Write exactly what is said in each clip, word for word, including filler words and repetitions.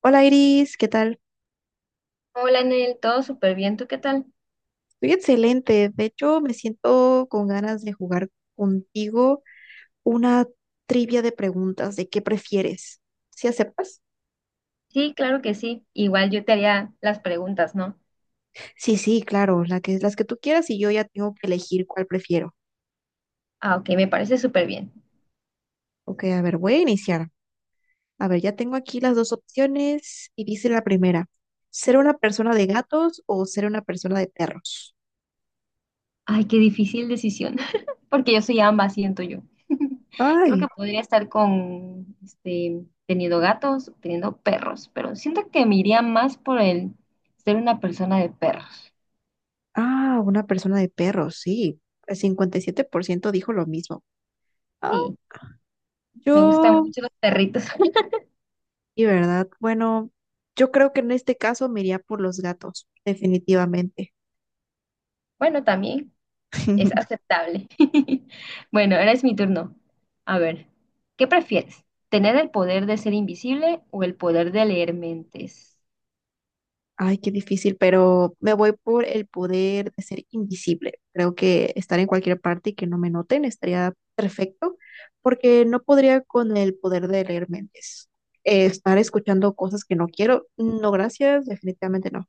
Hola Iris, ¿qué tal? Hola, Nel, todo súper bien, ¿tú qué tal? Estoy excelente. De hecho, me siento con ganas de jugar contigo una trivia de preguntas de qué prefieres. ¿Sí aceptas? Sí, claro que sí. Igual yo te haría las preguntas, ¿no? Sí, sí, claro, la que, las que tú quieras y yo ya tengo que elegir cuál prefiero. Ah, ok, me parece súper bien. Ok, a ver, voy a iniciar. A ver, ya tengo aquí las dos opciones y dice la primera, ¿ser una persona de gatos o ser una persona de perros? Ay, qué difícil decisión, porque yo soy ambas, siento yo. Creo que Ay, podría estar con, este, teniendo gatos, teniendo perros, pero siento que me iría más por el ser una persona de perros. ah, una persona de perros, sí. El cincuenta y siete por ciento dijo lo mismo. Ah, Sí, me gustan yo mucho los perritos. Y verdad, bueno, yo creo que en este caso me iría por los gatos, definitivamente. Bueno, también. Es aceptable. Bueno, ahora es mi turno. A ver, ¿qué prefieres? ¿Tener el poder de ser invisible o el poder de leer mentes? Ay, qué difícil, pero me voy por el poder de ser invisible. Creo que estar en cualquier parte y que no me noten estaría perfecto, porque no podría con el poder de leer mentes. Eh, estar escuchando cosas que no quiero, no, gracias, definitivamente no.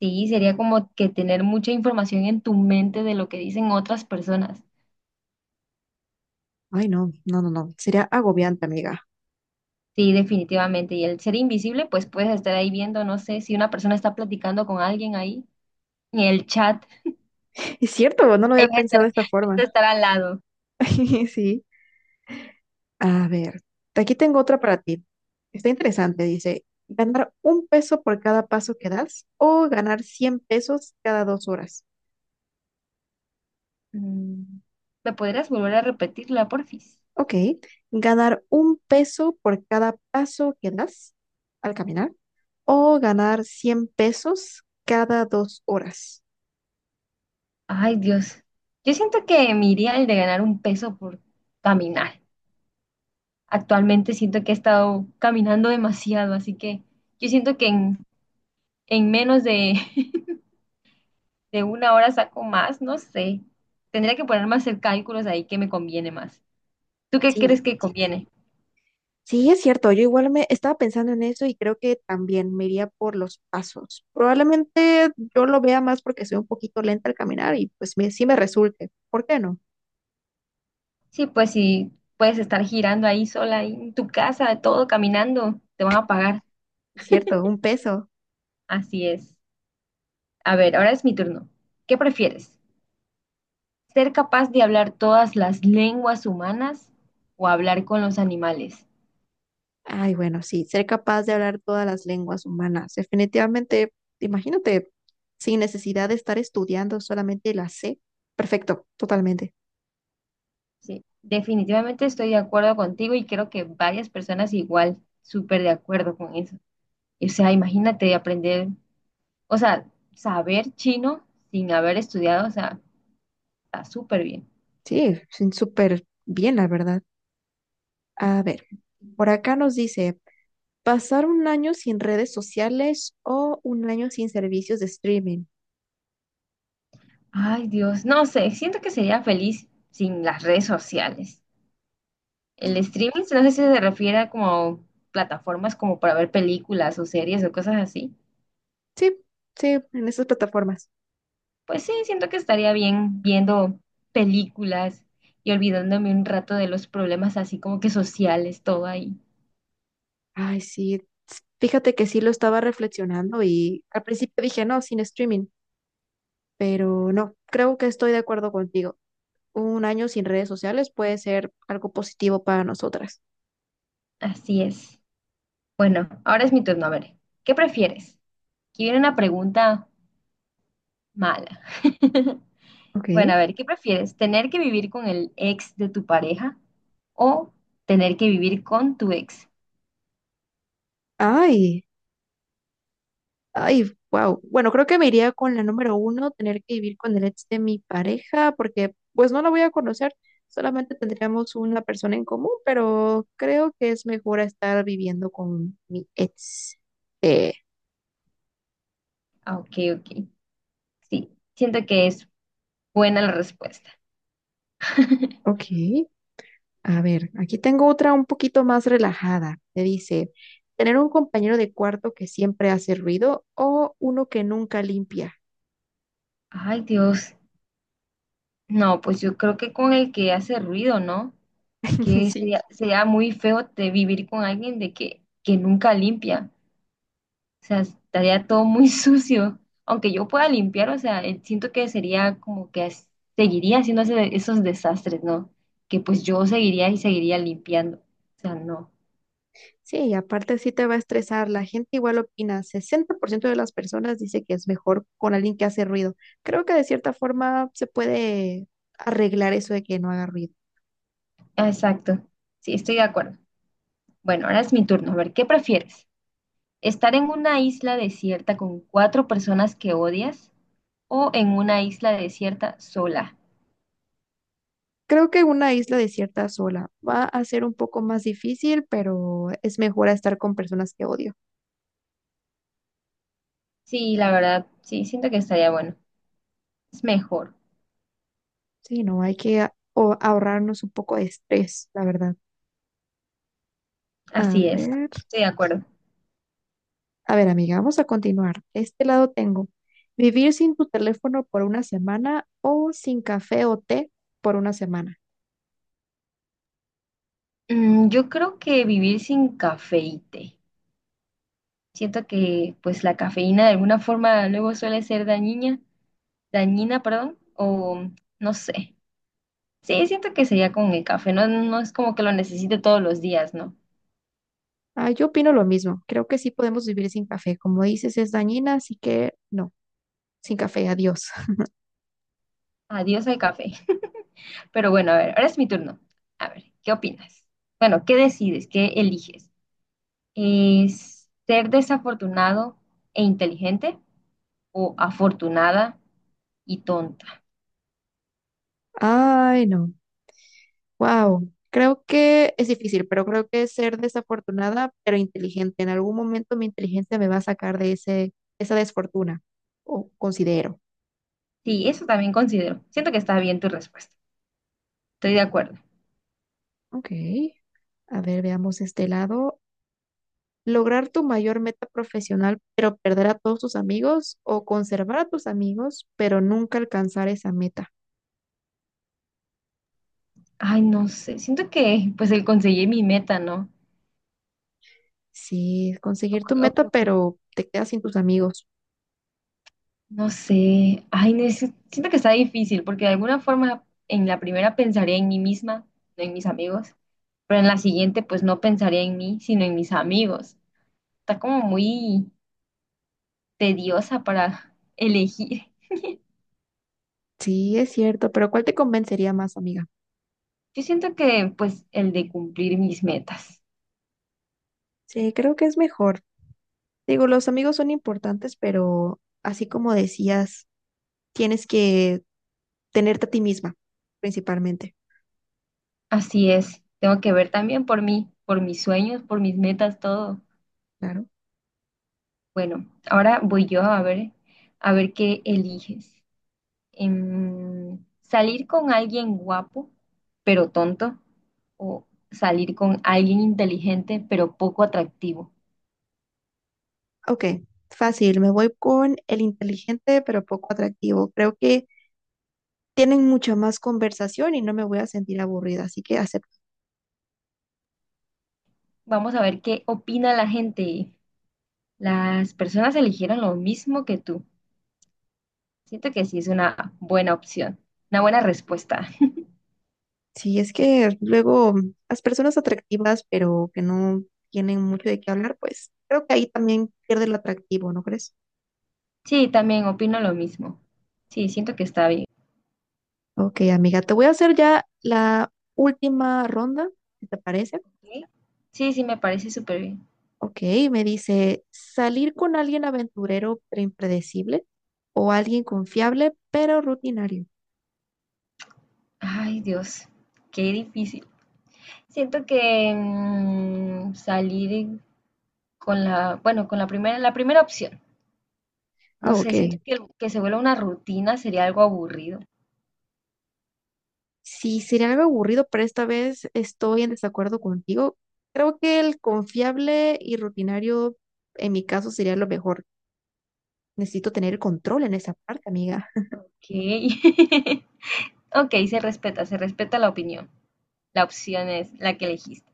Sí, sería como que tener mucha información en tu mente de lo que dicen otras personas. Ay, no, no, no, no, sería agobiante, amiga. Sí, definitivamente. Y el ser invisible, pues puedes estar ahí viendo, no sé, si una persona está platicando con alguien ahí en el chat, Es cierto, no lo ahí había vas a pensado estar, de vas esta a forma. estar al lado. Sí. A ver, aquí tengo otra para ti. Está interesante, dice, ganar un peso por cada paso que das o ganar cien pesos cada dos horas. Mm, ¿me podrías volver a repetirla, porfis? Ok, ganar un peso por cada paso que das al caminar o ganar cien pesos cada dos horas. Ay, Dios. Yo siento que me iría el de ganar un peso por caminar. Actualmente siento que he estado caminando demasiado, así que yo siento que en, en menos de, de una hora saco más, no sé. Tendría que ponerme a hacer cálculos ahí que me conviene más. ¿Tú qué Sí, crees que conviene? sí, es cierto, yo igual me estaba pensando en eso y creo que también me iría por los pasos. Probablemente yo lo vea más porque soy un poquito lenta al caminar y pues me, sí me resulte. ¿Por qué no? Sí, pues si puedes estar girando ahí sola, ahí en tu casa, todo caminando, te van a pagar. Cierto, un peso. Así es. A ver, ahora es mi turno. ¿Qué prefieres? Ser capaz de hablar todas las lenguas humanas o hablar con los animales. Ay, bueno, sí, ser capaz de hablar todas las lenguas humanas. Definitivamente, imagínate, sin necesidad de estar estudiando, solamente la sé. Perfecto, totalmente. Sí, definitivamente estoy de acuerdo contigo y creo que varias personas igual, súper de acuerdo con eso. O sea, imagínate aprender, o sea, saber chino sin haber estudiado, o sea, está súper bien. Sí, sí, súper bien, la verdad. A ver, por acá nos dice, pasar un año sin redes sociales o un año sin servicios de streaming. Ay, Dios, no sé, siento que sería feliz sin las redes sociales. El streaming, no sé si se refiere a como plataformas como para ver películas o series o cosas así. Sí, sí, en esas plataformas. Pues sí, siento que estaría bien viendo películas y olvidándome un rato de los problemas así como que sociales, todo ahí. Ay, sí. Fíjate que sí lo estaba reflexionando y al principio dije, no, sin streaming. Pero no, creo que estoy de acuerdo contigo. Un año sin redes sociales puede ser algo positivo para nosotras. Así es. Bueno, ahora es mi turno. A ver, ¿qué prefieres? Aquí viene una pregunta mala. Bueno, a Ok. ver, ¿qué prefieres? ¿Tener que vivir con el ex de tu pareja o tener que vivir con tu ex? Ay, ay, wow. Bueno, creo que me iría con la número uno, tener que vivir con el ex de mi pareja, porque pues no la voy a conocer, solamente tendríamos una persona en común, pero creo que es mejor estar viviendo con mi ex. Eh, Ah, ok, ok. Sí, siento que es buena la respuesta. Ok. A ver, aquí tengo otra un poquito más relajada. Te dice, tener un compañero de cuarto que siempre hace ruido o uno que nunca limpia. Ay, Dios. No, pues yo creo que con el que hace ruido, ¿no? Que Sí, sería, sería muy feo de vivir con alguien de que, que nunca limpia. O sea, estaría todo muy sucio. Aunque yo pueda limpiar, o sea, eh, siento que sería como que as- seguiría haciendo ese- esos desastres, ¿no? Que pues yo seguiría y seguiría limpiando. O sea, no. sí, y aparte sí te va a estresar. La gente igual opina. Sesenta por ciento de las personas dice que es mejor con alguien que hace ruido. Creo que de cierta forma se puede arreglar eso de que no haga ruido. Ah, exacto. Sí, estoy de acuerdo. Bueno, ahora es mi turno. A ver, ¿qué prefieres? ¿Estar en una isla desierta con cuatro personas que odias o en una isla desierta sola? Creo que una isla desierta sola va a ser un poco más difícil, pero es mejor a estar con personas que odio. Sí, la verdad, sí, siento que estaría bueno. Es mejor, Sí, no, hay que a- o- ahorrarnos un poco de estrés, la verdad. A así es, ver, estoy de acuerdo. a ver, amiga, vamos a continuar. Este lado tengo, vivir sin tu teléfono por una semana o sin café o té por una semana. Mm, yo creo que vivir sin café y té. Siento que pues la cafeína de alguna forma luego suele ser dañina, dañina, perdón, o no sé. Sí, siento que sería con el café, no, no es como que lo necesite todos los días, ¿no? Ah, yo opino lo mismo. Creo que sí podemos vivir sin café. Como dices, es dañina, así que no, sin café, adiós. Adiós al café. Pero bueno, a ver, ahora es mi turno. A ver, ¿qué opinas? Bueno, ¿qué decides? ¿Qué eliges? ¿Es ser desafortunado e inteligente o afortunada y tonta? Ay, no. Wow, creo que es difícil, pero creo que es ser desafortunada, pero inteligente. En algún momento mi inteligencia me va a sacar de ese, esa desfortuna, o considero. Sí, eso también considero. Siento que está bien tu respuesta. Estoy de acuerdo. Ok. A ver, veamos este lado. Lograr tu mayor meta profesional, pero perder a todos tus amigos, o conservar a tus amigos, pero nunca alcanzar esa meta. Ay, no sé. Siento que pues el conseguir mi meta, ¿no? Sí, O conseguir tu qué- o qué meta, opinas. pero te quedas sin tus amigos. No sé. Ay, neces- siento que está difícil porque de alguna forma en la primera pensaría en mí misma, no en mis amigos, pero en la siguiente pues no pensaría en mí, sino en mis amigos. Está como muy tediosa para elegir. Sí, es cierto, pero ¿cuál te convencería más, amiga? Yo siento que pues el de cumplir mis metas. Sí, creo que es mejor. Digo, los amigos son importantes, pero así como decías, tienes que tenerte a ti misma, principalmente. Así es, tengo que ver también por mí, por mis sueños, por mis metas, todo. Claro. Bueno, ahora voy yo a ver, a ver qué eliges. Em, ¿salir con alguien guapo, pero tonto? ¿O salir con alguien inteligente, pero poco atractivo? Ok, fácil. Me voy con el inteligente, pero poco atractivo. Creo que tienen mucha más conversación y no me voy a sentir aburrida, así que acepto. Vamos a ver qué opina la gente. Las personas eligieron lo mismo que tú. Siento que sí es una buena opción, una buena respuesta. Sí, es que luego las personas atractivas, pero que no tienen mucho de qué hablar, pues creo que ahí también pierde lo atractivo, ¿no crees? Sí, también opino lo mismo. Sí, siento que está bien. Ok, amiga, te voy a hacer ya la última ronda, si te parece. Sí, sí, sí, me parece súper bien. Ok, me dice, salir con alguien aventurero pero impredecible o alguien confiable pero rutinario. Ay, Dios, qué difícil. Siento que mm, salir con la, bueno, con la primera, la primera opción. No Ah, sé, ok. siento que, que se vuelva una rutina sería algo aburrido. Sí, sería algo aburrido, pero esta vez estoy en desacuerdo contigo. Creo que el confiable y rutinario en mi caso sería lo mejor. Necesito tener el control en esa parte, amiga. Ok. Ok, se respeta, se respeta la opinión. La opción es la que elegiste.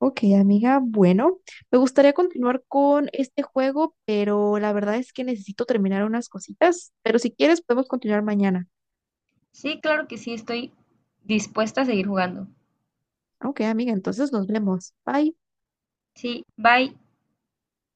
Ok, amiga, bueno, me gustaría continuar con este juego, pero la verdad es que necesito terminar unas cositas, pero si quieres podemos continuar mañana. Sí, claro que sí, estoy dispuesta a seguir jugando. Ok, amiga, entonces nos vemos. Bye. Sí, bye.